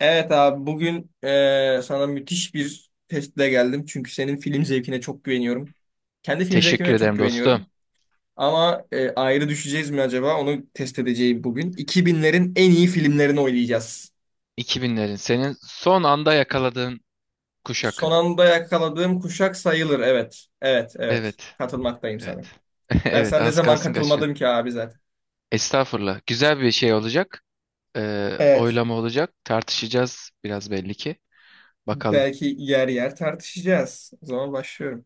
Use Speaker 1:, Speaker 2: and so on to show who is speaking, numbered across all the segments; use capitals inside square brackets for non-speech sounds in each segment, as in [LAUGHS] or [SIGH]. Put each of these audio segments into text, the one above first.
Speaker 1: Evet abi bugün sana müthiş bir testle geldim. Çünkü senin film zevkine çok güveniyorum. Kendi film zevkime
Speaker 2: Teşekkür
Speaker 1: de çok
Speaker 2: ederim dostum.
Speaker 1: güveniyorum. Ama ayrı düşeceğiz mi acaba? Onu test edeceğim bugün. 2000'lerin en iyi filmlerini oynayacağız.
Speaker 2: 2000'lerin senin son anda yakaladığın
Speaker 1: Son
Speaker 2: kuşak.
Speaker 1: anda yakaladığım kuşak sayılır. Evet, evet, evet.
Speaker 2: Evet.
Speaker 1: Katılmaktayım sana.
Speaker 2: Evet. [LAUGHS]
Speaker 1: Ben
Speaker 2: Evet,
Speaker 1: sana ne
Speaker 2: az
Speaker 1: zaman
Speaker 2: kalsın
Speaker 1: katılmadım
Speaker 2: kaçırıyordum.
Speaker 1: ki abi zaten.
Speaker 2: Estağfurullah. Güzel bir şey olacak.
Speaker 1: Evet.
Speaker 2: Oylama olacak. Tartışacağız biraz belli ki. Bakalım.
Speaker 1: Belki yer yer tartışacağız. O zaman başlıyorum.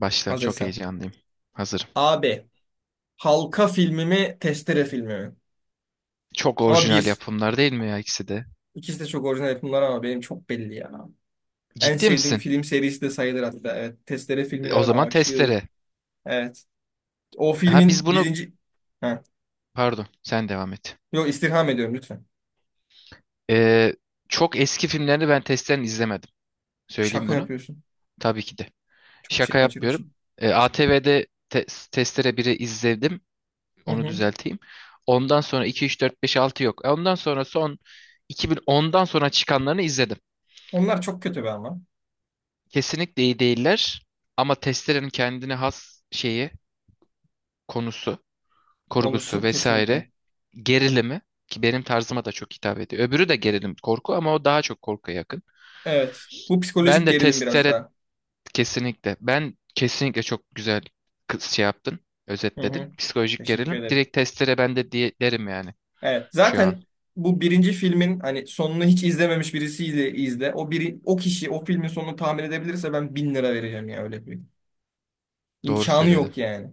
Speaker 2: Başla. Çok
Speaker 1: Hazırsan.
Speaker 2: heyecanlıyım. Hazırım.
Speaker 1: Abi. Halka filmi mi, Testere filmi mi?
Speaker 2: Çok
Speaker 1: Ama
Speaker 2: orijinal
Speaker 1: bir.
Speaker 2: yapımlar değil mi ya ikisi de?
Speaker 1: İkisi de çok orijinal yapımlar ama benim çok belli ya. En
Speaker 2: Ciddi
Speaker 1: sevdiğim
Speaker 2: misin?
Speaker 1: film serisi de sayılır hatta. Evet. Testere filmine
Speaker 2: O
Speaker 1: ben
Speaker 2: zaman
Speaker 1: aşığım.
Speaker 2: testere.
Speaker 1: Evet. O
Speaker 2: Ha biz
Speaker 1: filmin
Speaker 2: bunu...
Speaker 1: birinci... Ha.
Speaker 2: Pardon. Sen devam et.
Speaker 1: Yok, istirham ediyorum lütfen.
Speaker 2: Ee, Çok eski filmlerini ben testlerini izlemedim. Söyleyeyim
Speaker 1: Şaka
Speaker 2: bunu.
Speaker 1: yapıyorsun.
Speaker 2: Tabii ki de.
Speaker 1: Çok şey
Speaker 2: Şaka
Speaker 1: kaçırmışım.
Speaker 2: yapmıyorum. ATV'de Testere 1'i izledim.
Speaker 1: Hı
Speaker 2: Onu
Speaker 1: hı.
Speaker 2: düzelteyim. Ondan sonra 2, 3, 4, 5, 6 yok. Ondan sonra son 2010'dan sonra çıkanlarını izledim.
Speaker 1: Onlar çok kötü be ama.
Speaker 2: Kesinlikle iyi değiller. Ama Testere'nin kendine has şeyi, konusu, kurgusu
Speaker 1: Konusu
Speaker 2: vesaire
Speaker 1: kesinlikle.
Speaker 2: gerilimi ki benim tarzıma da çok hitap ediyor. Öbürü de gerilim korku ama o daha çok korkuya yakın.
Speaker 1: Evet. Bu
Speaker 2: Ben
Speaker 1: psikolojik
Speaker 2: de
Speaker 1: gerilim biraz
Speaker 2: Testere.
Speaker 1: daha.
Speaker 2: Kesinlikle. Ben kesinlikle çok güzel şey yaptın,
Speaker 1: Hı
Speaker 2: özetledin.
Speaker 1: hı.
Speaker 2: Psikolojik
Speaker 1: Teşekkür
Speaker 2: gerilim.
Speaker 1: ederim.
Speaker 2: Direkt testlere ben de diye derim yani
Speaker 1: Evet.
Speaker 2: şu an.
Speaker 1: Zaten bu birinci filmin hani sonunu hiç izlememiş birisiyle izle. O biri, o kişi o filmin sonunu tahmin edebilirse ben 1.000 lira vereceğim ya öyle bir.
Speaker 2: Doğru
Speaker 1: İmkanı
Speaker 2: söyledin.
Speaker 1: yok yani.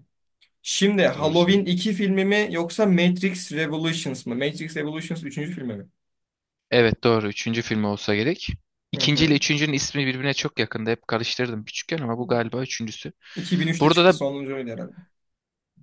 Speaker 1: Şimdi
Speaker 2: Doğru
Speaker 1: Halloween
Speaker 2: söyledin.
Speaker 1: iki filmi mi yoksa Matrix Revolutions mı? Matrix Revolutions üçüncü filmi mi?
Speaker 2: Evet, doğru. Üçüncü film olsa gerek.
Speaker 1: Hı
Speaker 2: İkinci ile
Speaker 1: hı.
Speaker 2: üçüncünün ismi birbirine çok yakında. Hep karıştırdım küçükken ama bu galiba üçüncüsü.
Speaker 1: 2003'te
Speaker 2: Burada
Speaker 1: çıktı
Speaker 2: da
Speaker 1: sonuncu herhalde.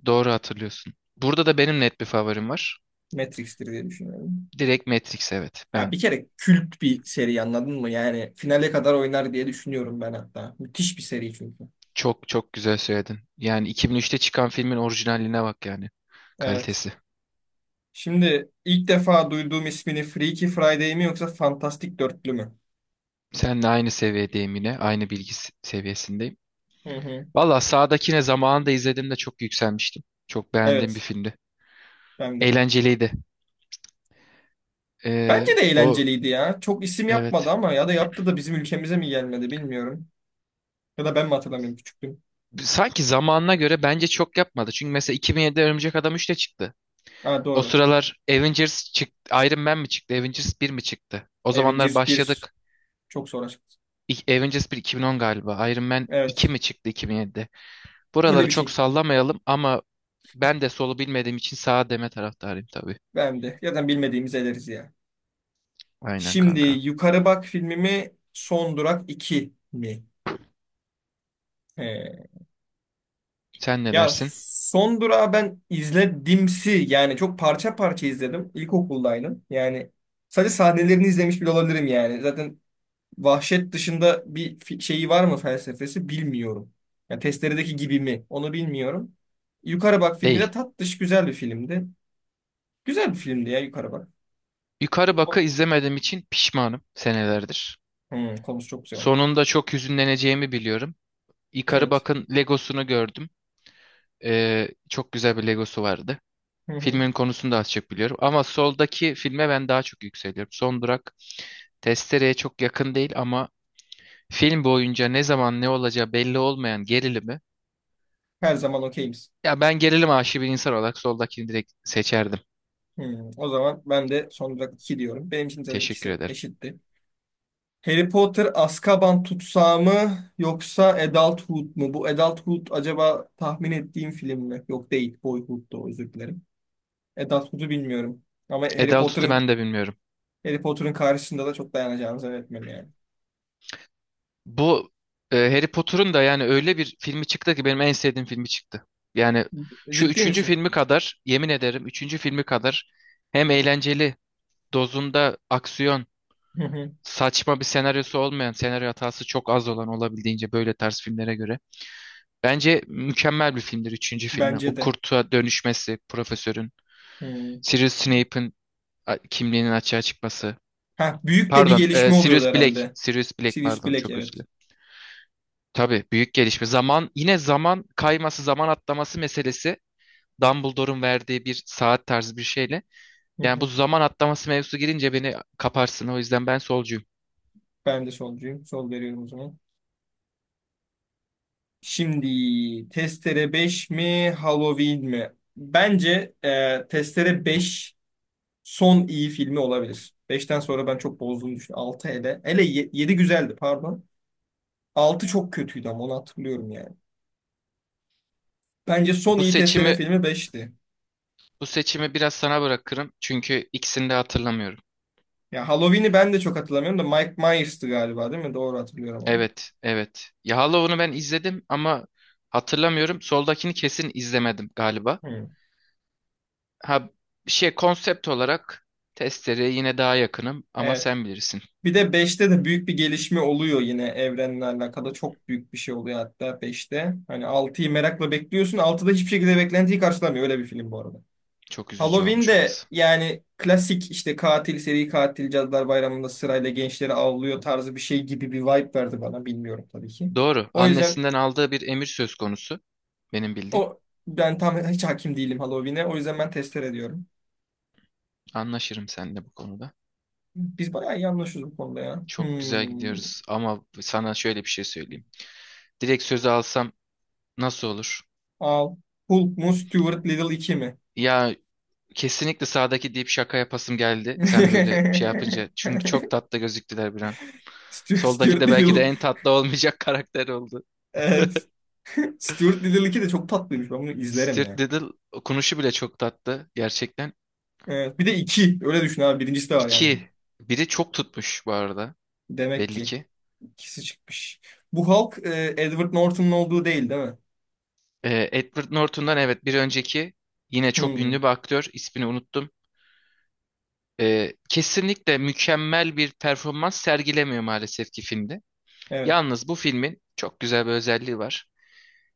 Speaker 2: doğru hatırlıyorsun. Burada da benim net bir favorim var.
Speaker 1: Matrix'tir diye düşünüyorum.
Speaker 2: Direkt Matrix, evet.
Speaker 1: Ya bir kere kült bir seri, anladın mı? Yani finale kadar oynar diye düşünüyorum ben hatta. Müthiş bir seri çünkü.
Speaker 2: Çok çok güzel söyledin. Yani 2003'te çıkan filmin orijinaline bak yani.
Speaker 1: Evet.
Speaker 2: Kalitesi.
Speaker 1: Şimdi ilk defa duyduğum ismini Freaky Friday mi yoksa Fantastic Dörtlü mü?
Speaker 2: Seninle aynı seviyedeyim yine. Aynı bilgi seviyesindeyim.
Speaker 1: Hı hı.
Speaker 2: Valla sağdakine zamanında izlediğimde çok yükselmiştim. Çok beğendiğim bir
Speaker 1: Evet.
Speaker 2: filmdi.
Speaker 1: Ben de.
Speaker 2: Eğlenceliydi.
Speaker 1: Bence de
Speaker 2: O,
Speaker 1: eğlenceliydi ya. Çok isim yapmadı
Speaker 2: evet.
Speaker 1: ama ya da yaptı da bizim ülkemize mi gelmedi bilmiyorum. Ya da ben mi hatırlamıyorum, küçüktüm?
Speaker 2: Sanki zamanına göre bence çok yapmadı. Çünkü mesela 2007'de Örümcek Adam 3 de çıktı.
Speaker 1: Ha,
Speaker 2: O
Speaker 1: doğru.
Speaker 2: sıralar Avengers çıktı. Iron Man mi çıktı? Avengers 1 mi çıktı? O zamanlar
Speaker 1: Avengers bir
Speaker 2: başladık.
Speaker 1: çok sonra çıktı.
Speaker 2: Avengers 1 2010 galiba. Iron Man 2
Speaker 1: Evet.
Speaker 2: mi çıktı 2007'de?
Speaker 1: Öyle
Speaker 2: Buraları
Speaker 1: bir
Speaker 2: çok
Speaker 1: şey.
Speaker 2: sallamayalım ama ben de solu bilmediğim için sağa deme taraftarıyım tabii.
Speaker 1: Ben de. Zaten bilmediğimiz ederiz ya.
Speaker 2: Aynen
Speaker 1: Şimdi
Speaker 2: kanka.
Speaker 1: Yukarı Bak filmimi Son Durak iki mi? He.
Speaker 2: Sen ne
Speaker 1: Ya
Speaker 2: dersin?
Speaker 1: Son Durak'ı ben izledimsi. Yani çok parça parça izledim. İlkokuldaydım. Yani sadece sahnelerini izlemiş bile olabilirim yani. Zaten vahşet dışında bir şeyi var mı felsefesi bilmiyorum. Yani testeredeki gibi mi onu bilmiyorum. Yukarı Bak filmi de
Speaker 2: Değil.
Speaker 1: tatlış güzel bir filmdi. Güzel bir filmdi ya Yukarı Bak.
Speaker 2: Yukarı Bak'ı
Speaker 1: O-
Speaker 2: izlemediğim için pişmanım senelerdir.
Speaker 1: Hmm, konusu çok güzel.
Speaker 2: Sonunda çok hüzünleneceğimi biliyorum. Yukarı
Speaker 1: Evet.
Speaker 2: Bak'ın Legosunu gördüm. Çok güzel bir Legosu vardı.
Speaker 1: Hı hı.
Speaker 2: Filmin konusunu da az çok biliyorum. Ama soldaki filme ben daha çok yükseliyorum. Son Durak, Testere'ye çok yakın değil ama film boyunca ne zaman ne olacağı belli olmayan gerilimi.
Speaker 1: Her zaman okeyiz.
Speaker 2: Ya ben gerilim aşığı bir insan olarak soldakini direkt seçerdim.
Speaker 1: Hmm, o zaman ben de son olarak iki diyorum. Benim için de
Speaker 2: Teşekkür
Speaker 1: ikisi
Speaker 2: ederim.
Speaker 1: eşitti. Harry Potter Azkaban tutsağı mı yoksa Adulthood mu? Bu Adulthood acaba tahmin ettiğim film mi? Yok, değil. Boyhood'du, özür dilerim. Adulthood'u bilmiyorum. Ama Harry
Speaker 2: Edal tutu
Speaker 1: Potter'ın
Speaker 2: ben de bilmiyorum.
Speaker 1: Harry Potter'ın karşısında da çok dayanacağını zannetmiyorum yani.
Speaker 2: Bu Harry Potter'ın da yani öyle bir filmi çıktı ki benim en sevdiğim filmi çıktı. Yani şu
Speaker 1: Ciddi
Speaker 2: üçüncü
Speaker 1: misin?
Speaker 2: filmi kadar yemin ederim üçüncü filmi kadar hem eğlenceli dozunda aksiyon
Speaker 1: Hı hı.
Speaker 2: saçma bir senaryosu olmayan senaryo hatası çok az olan olabildiğince böyle tarz filmlere göre. Bence mükemmel bir filmdir üçüncü filmi.
Speaker 1: Bence
Speaker 2: O
Speaker 1: de.
Speaker 2: kurtuğa dönüşmesi, profesörün.
Speaker 1: Hı.
Speaker 2: Sirius Snape'in kimliğinin açığa çıkması.
Speaker 1: Ha, büyük de bir
Speaker 2: Pardon,
Speaker 1: gelişme oluyordu
Speaker 2: Sirius Black.
Speaker 1: herhalde.
Speaker 2: Sirius Black,
Speaker 1: Sirius
Speaker 2: pardon,
Speaker 1: Black,
Speaker 2: çok özür
Speaker 1: evet.
Speaker 2: dilerim. Tabii büyük gelişme. Zaman yine zaman kayması, zaman atlaması meselesi Dumbledore'un verdiği bir saat tarzı bir şeyle.
Speaker 1: Hı
Speaker 2: Yani bu
Speaker 1: hı.
Speaker 2: zaman atlaması mevzusu girince beni kaparsın. O yüzden ben solcuyum.
Speaker 1: Ben de solcuyum. Sol veriyorum o zaman. Şimdi Testere beş mi Halloween mi? Bence Testere beş son iyi filmi olabilir. Beşten sonra ben çok bozduğunu düşünüyorum. 6 hele. Hele 7 güzeldi, pardon. 6 çok kötüydü ama onu hatırlıyorum yani. Bence son
Speaker 2: Bu
Speaker 1: iyi Testere
Speaker 2: seçimi
Speaker 1: filmi beşti.
Speaker 2: bu seçimi biraz sana bırakırım. Çünkü ikisini de hatırlamıyorum.
Speaker 1: Ya Halloween'i ben de çok hatırlamıyorum da Mike Myers'tı galiba, değil mi? Doğru hatırlıyorum onu.
Speaker 2: Evet, evet. Ya Hollow'unu ben izledim ama hatırlamıyorum. Soldakini kesin izlemedim galiba.
Speaker 1: Hı.
Speaker 2: Ha, şey, konsept olarak testereye yine daha yakınım ama
Speaker 1: Evet.
Speaker 2: sen bilirsin.
Speaker 1: Bir de beşte de büyük bir gelişme oluyor yine evrenle alakalı. Çok büyük bir şey oluyor hatta beşte. Hani 6'yı merakla bekliyorsun. Altıda hiçbir şekilde beklentiyi karşılamıyor. Öyle bir film bu arada.
Speaker 2: Çok üzücü
Speaker 1: Halloween
Speaker 2: olmuş
Speaker 1: de
Speaker 2: orası.
Speaker 1: yani klasik işte katil, seri katil, Cadılar Bayramı'nda sırayla gençleri avlıyor tarzı bir şey gibi bir vibe verdi bana. Bilmiyorum tabii ki.
Speaker 2: Doğru.
Speaker 1: O yüzden
Speaker 2: Annesinden aldığı bir emir söz konusu. Benim bildiğim.
Speaker 1: o ben tam hiç hakim değilim Halloween'e. O yüzden ben tester ediyorum.
Speaker 2: Anlaşırım seninle bu konuda.
Speaker 1: Biz bayağı iyi anlaşıyoruz bu konuda ya.
Speaker 2: Çok güzel
Speaker 1: Hmm.
Speaker 2: gidiyoruz ama sana şöyle bir şey söyleyeyim. Direkt sözü alsam nasıl olur?
Speaker 1: Al. Hulk mu Stuart Little iki mi?
Speaker 2: Ya kesinlikle sağdaki deyip şaka yapasım geldi. Sen böyle
Speaker 1: [LAUGHS]
Speaker 2: şey yapınca. Çünkü çok tatlı gözüktüler bir an. Soldaki
Speaker 1: Stuart
Speaker 2: de belki de
Speaker 1: Little.
Speaker 2: en tatlı olmayacak [LAUGHS] karakter oldu.
Speaker 1: Evet. [LAUGHS] Stuart Little iki de çok tatlıymış. Ben bunu izlerim
Speaker 2: Stuart
Speaker 1: ya.
Speaker 2: Little okunuşu bile çok tatlı gerçekten.
Speaker 1: Evet. Bir de 2. Öyle düşün abi. Birincisi de var yani.
Speaker 2: İki. Biri çok tutmuş bu arada.
Speaker 1: Demek
Speaker 2: Belli
Speaker 1: ki
Speaker 2: ki.
Speaker 1: ikisi çıkmış. Bu Hulk Edward Norton'un olduğu değil, değil mi?
Speaker 2: Edward Norton'dan evet bir önceki yine çok
Speaker 1: Hmm.
Speaker 2: ünlü bir aktör. İsmini unuttum. Kesinlikle mükemmel bir performans sergilemiyor maalesef ki filmde.
Speaker 1: Evet.
Speaker 2: Yalnız bu filmin çok güzel bir özelliği var.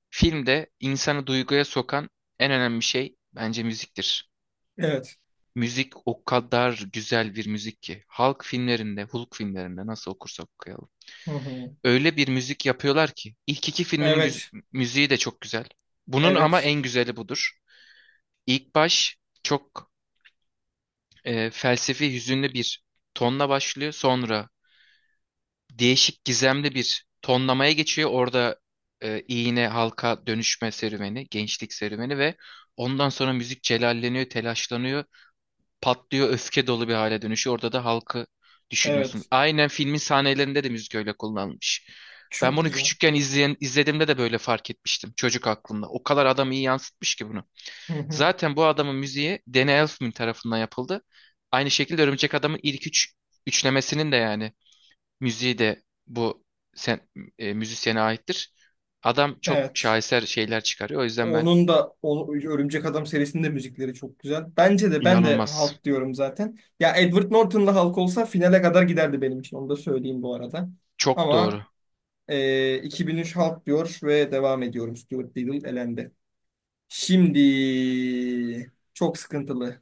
Speaker 2: Filmde insanı duyguya sokan en önemli şey bence müziktir.
Speaker 1: Evet.
Speaker 2: Müzik o kadar güzel bir müzik ki. Halk filmlerinde, Hulk filmlerinde nasıl okursak okuyalım,
Speaker 1: Hı hı.
Speaker 2: öyle bir müzik yapıyorlar ki. İlk iki filminin
Speaker 1: Evet.
Speaker 2: müziği de çok güzel. Bunun ama
Speaker 1: Evet.
Speaker 2: en güzeli budur. İlk baş çok felsefi, hüzünlü bir tonla başlıyor. Sonra değişik, gizemli bir tonlamaya geçiyor. Orada iğne, halka dönüşme serüveni, gençlik serüveni ve ondan sonra müzik celalleniyor, telaşlanıyor. Patlıyor, öfke dolu bir hale dönüşüyor. Orada da halkı düşünüyorsun.
Speaker 1: Evet.
Speaker 2: Aynen filmin sahnelerinde de müzik öyle kullanılmış. Ben
Speaker 1: Çok
Speaker 2: bunu
Speaker 1: güzel.
Speaker 2: küçükken izlediğimde de böyle fark etmiştim çocuk aklımda. O kadar adam iyi yansıtmış ki bunu.
Speaker 1: Hı hı.
Speaker 2: Zaten bu adamın müziği Danny Elfman tarafından yapıldı. Aynı şekilde Örümcek Adam'ın ilk üç üçlemesinin de yani müziği de bu sen, müzisyene aittir. Adam çok
Speaker 1: Evet.
Speaker 2: şaheser şeyler çıkarıyor. O yüzden ben
Speaker 1: Onun da o, Örümcek Adam serisinin de müzikleri çok güzel. Bence de ben de
Speaker 2: inanılmaz.
Speaker 1: Hulk diyorum zaten. Ya Edward Norton'la Hulk olsa finale kadar giderdi benim için. Onu da söyleyeyim bu arada.
Speaker 2: Çok
Speaker 1: Ama
Speaker 2: doğru.
Speaker 1: 2003 Hulk diyor ve devam ediyorum. Stuart Little elendi. Şimdi çok sıkıntılı.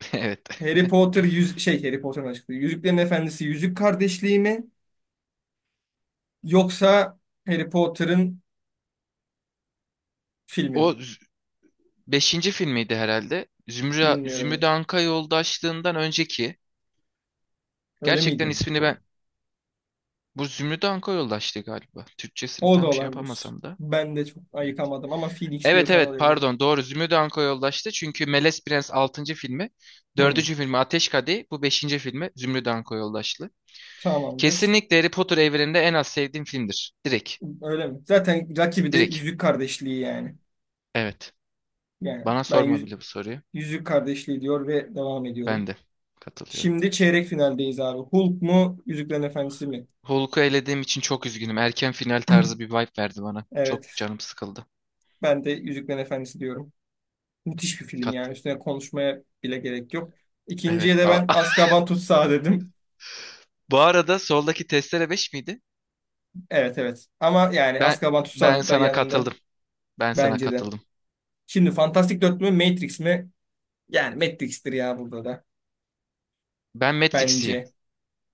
Speaker 2: [LAUGHS] Evet.
Speaker 1: Harry Potter yüz şey Harry Potter'ın açıklığı. Yüzüklerin Efendisi Yüzük Kardeşliği mi yoksa Harry Potter'ın filmi mi?
Speaker 2: O beşinci filmiydi herhalde. Zümrüt
Speaker 1: Bilmiyorum.
Speaker 2: Anka Yoldaşlığından önceki.
Speaker 1: Öyle
Speaker 2: Gerçekten
Speaker 1: miydi?
Speaker 2: ismini ben... Bu Zümrüt Anka Yoldaşlığı galiba. Türkçesini
Speaker 1: O da
Speaker 2: tam şey
Speaker 1: olabilir.
Speaker 2: yapamasam da.
Speaker 1: Ben de çok
Speaker 2: Evet.
Speaker 1: ayıkamadım ama Phoenix
Speaker 2: Evet,
Speaker 1: diyorsan
Speaker 2: evet,
Speaker 1: olabilir.
Speaker 2: pardon, doğru Zümrüt Anka Yoldaşlığı. Çünkü Melez Prens altıncı filmi.
Speaker 1: Hı,
Speaker 2: Dördüncü filmi Ateş Kadehi. Bu beşinci filmi Zümrüt Anka Yoldaşlığı.
Speaker 1: tamamdır.
Speaker 2: Kesinlikle Harry Potter evreninde en az sevdiğim filmdir. Direkt.
Speaker 1: Öyle mi? Zaten rakibi de
Speaker 2: Direkt.
Speaker 1: Yüzük Kardeşliği yani.
Speaker 2: Evet.
Speaker 1: Yani
Speaker 2: Bana
Speaker 1: ben
Speaker 2: sorma
Speaker 1: yüz,
Speaker 2: bile bu soruyu.
Speaker 1: Yüzük Kardeşliği diyor ve devam
Speaker 2: Ben
Speaker 1: ediyorum.
Speaker 2: de katılıyorum.
Speaker 1: Şimdi çeyrek finaldeyiz abi. Hulk mu, Yüzüklerin Efendisi mi?
Speaker 2: Hulk'u elediğim için çok üzgünüm. Erken final tarzı bir vibe verdi bana. Çok
Speaker 1: Evet,
Speaker 2: canım sıkıldı.
Speaker 1: ben de Yüzüklerin Efendisi diyorum. Müthiş bir film
Speaker 2: Kat
Speaker 1: yani. Üstüne konuşmaya bile gerek yok.
Speaker 2: evet.
Speaker 1: İkinciye de
Speaker 2: Aa.
Speaker 1: ben
Speaker 2: [LAUGHS]
Speaker 1: Azkaban Tutsağı dedim.
Speaker 2: Bu arada soldaki testere 5 miydi?
Speaker 1: Evet, evet. Ama yani
Speaker 2: Ben
Speaker 1: Azkaban
Speaker 2: ben
Speaker 1: Tutsağı da
Speaker 2: sana
Speaker 1: yanında
Speaker 2: katıldım. Ben sana
Speaker 1: bence de.
Speaker 2: katıldım.
Speaker 1: Şimdi Fantastic 4 mü Matrix mi? Yani Matrix'tir ya burada da.
Speaker 2: Ben Matrix'iyim.
Speaker 1: Bence.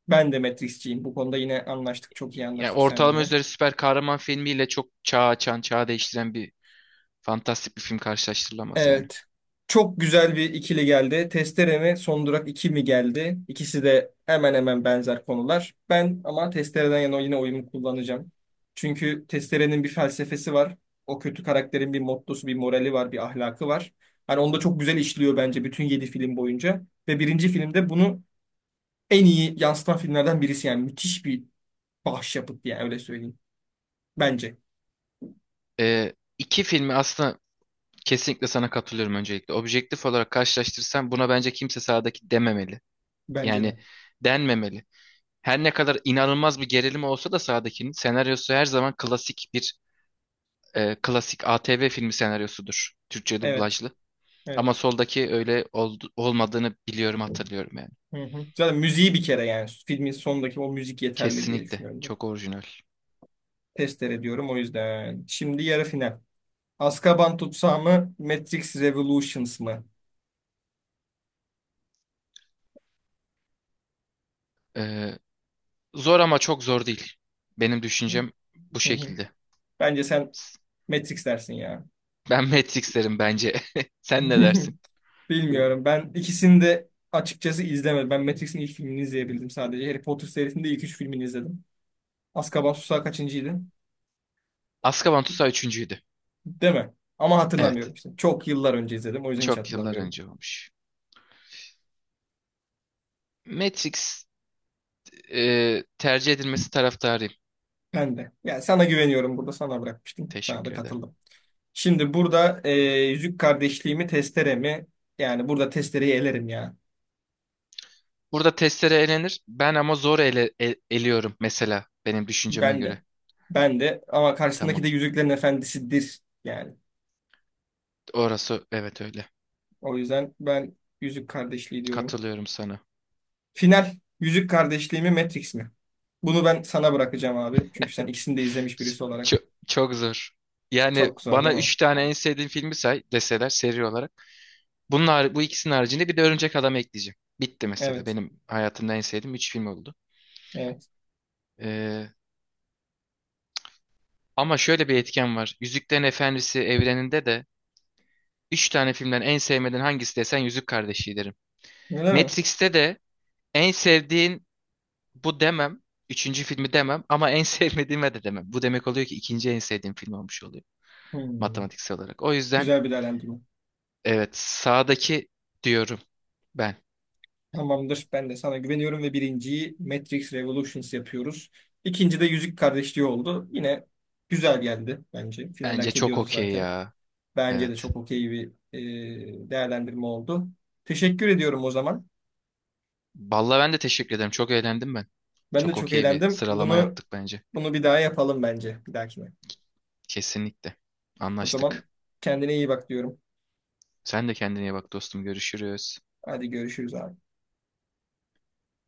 Speaker 1: Ben de Matrix'ciyim. Bu konuda yine anlaştık. Çok iyi
Speaker 2: Yani
Speaker 1: anlaştık
Speaker 2: ortalama
Speaker 1: seninle.
Speaker 2: üzeri süper kahraman filmiyle çok çağ açan, çağ değiştiren bir fantastik bir film karşılaştırılamaz yani.
Speaker 1: Evet. Çok güzel bir ikili geldi. Testere mi, Son Durak iki mi geldi? İkisi de hemen hemen benzer konular. Ben ama Testere'den yana yine oyumu kullanacağım. Çünkü Testere'nin bir felsefesi var. O kötü karakterin bir mottosu, bir morali var, bir ahlakı var. Hani onu da çok güzel işliyor bence bütün 7 film boyunca. Ve birinci filmde bunu en iyi yansıtan filmlerden birisi. Yani müthiş bir başyapıt yani öyle söyleyeyim. Bence.
Speaker 2: İki filmi aslında, kesinlikle sana katılıyorum öncelikle. Objektif olarak karşılaştırsam buna bence kimse sağdaki dememeli.
Speaker 1: Bence
Speaker 2: Yani
Speaker 1: de.
Speaker 2: denmemeli. Her ne kadar inanılmaz bir gerilim olsa da sahadakinin senaryosu her zaman klasik ATV filmi senaryosudur. Türkçe
Speaker 1: Evet.
Speaker 2: dublajlı. Ama
Speaker 1: Evet.
Speaker 2: soldaki öyle olmadığını biliyorum, hatırlıyorum yani.
Speaker 1: Hı hı. Zaten müziği bir kere yani filmin sondaki o müzik yeterli diye
Speaker 2: Kesinlikle
Speaker 1: düşünüyorum ben.
Speaker 2: çok orijinal.
Speaker 1: Testere ediyorum o yüzden. Şimdi yarı final. Azkaban tutsağı mı? Matrix Revolutions mı?
Speaker 2: E, Zor ama çok zor değil. Benim düşüncem bu
Speaker 1: Hı hı.
Speaker 2: şekilde.
Speaker 1: Bence sen
Speaker 2: S-
Speaker 1: Matrix dersin ya.
Speaker 2: Ben [LAUGHS] Matrix derim bence. [LAUGHS] Sen ne dersin?
Speaker 1: [LAUGHS] Bilmiyorum. Ben ikisini de açıkçası izlemedim. Ben Matrix'in ilk filmini izleyebildim sadece. Harry Potter serisinin de ilk üç filmini izledim. Azkaban Susağı kaçıncıydın?
Speaker 2: Azkaban Tutsağı üçüncüydü.
Speaker 1: Değil mi? Ama hatırlamıyorum
Speaker 2: Evet.
Speaker 1: işte. Çok yıllar önce izledim. O yüzden hiç
Speaker 2: Çok yıllar
Speaker 1: hatırlamıyorum.
Speaker 2: önce olmuş. Matrix tercih edilmesi taraftarıyım.
Speaker 1: Ben de. Yani sana güveniyorum. Burada sana bırakmıştım. Sana da
Speaker 2: Teşekkür ederim.
Speaker 1: katıldım. Şimdi burada yüzük kardeşliğimi testere mi? Yani burada testereyi elerim ya.
Speaker 2: Burada testere elenir. Ben ama zor eliyorum mesela benim düşünceme
Speaker 1: Ben de.
Speaker 2: göre.
Speaker 1: Ben de. Ama karşısındaki
Speaker 2: Tamam.
Speaker 1: de Yüzüklerin Efendisi'dir. Yani.
Speaker 2: Orası evet, öyle.
Speaker 1: O yüzden ben yüzük kardeşliği diyorum.
Speaker 2: Katılıyorum sana.
Speaker 1: Final. Yüzük kardeşliği mi Matrix mi? Bunu ben sana bırakacağım abi. Çünkü sen ikisini de izlemiş birisi olarak.
Speaker 2: Çok, çok zor. Yani
Speaker 1: Çok zor değil
Speaker 2: bana
Speaker 1: mi?
Speaker 2: üç tane en sevdiğim filmi say deseler seri olarak. Bunlar bu ikisinin haricinde bir de Örümcek Adam ekleyeceğim. Bitti mesela.
Speaker 1: Evet.
Speaker 2: Benim hayatımda en sevdiğim üç film oldu.
Speaker 1: Evet.
Speaker 2: Ee, Ama şöyle bir etken var. Yüzüklerin Efendisi evreninde de üç tane filmden en sevmediğin hangisi desen Yüzük Kardeşi derim.
Speaker 1: Öyle mi?
Speaker 2: Matrix'te de en sevdiğin. Bu demem. Üçüncü filmi demem ama en [LAUGHS] sevmediğime de demem. Bu demek oluyor ki ikinci en sevdiğim film olmuş oluyor
Speaker 1: Hmm,
Speaker 2: matematiksel olarak. O yüzden
Speaker 1: güzel bir değerlendirme.
Speaker 2: evet, sağdaki diyorum ben.
Speaker 1: Tamamdır. Ben de sana güveniyorum ve birinciyi Matrix Revolutions yapıyoruz. İkinci de Yüzük Kardeşliği oldu. Yine güzel geldi bence. Final
Speaker 2: Bence
Speaker 1: hak
Speaker 2: çok
Speaker 1: ediyordu
Speaker 2: okey
Speaker 1: zaten.
Speaker 2: ya.
Speaker 1: Bence de
Speaker 2: Evet.
Speaker 1: çok okey bir e, değerlendirme oldu. Teşekkür ediyorum o zaman.
Speaker 2: Vallahi ben de teşekkür ederim. Çok eğlendim ben.
Speaker 1: Ben de
Speaker 2: Çok
Speaker 1: çok
Speaker 2: okey bir
Speaker 1: eğlendim.
Speaker 2: sıralama
Speaker 1: Bunu
Speaker 2: yaptık bence.
Speaker 1: bunu bir daha yapalım bence bir dahakine.
Speaker 2: Kesinlikle.
Speaker 1: O zaman
Speaker 2: Anlaştık.
Speaker 1: kendine iyi bak diyorum.
Speaker 2: Sen de kendine iyi bak dostum. Görüşürüz.
Speaker 1: Hadi görüşürüz abi.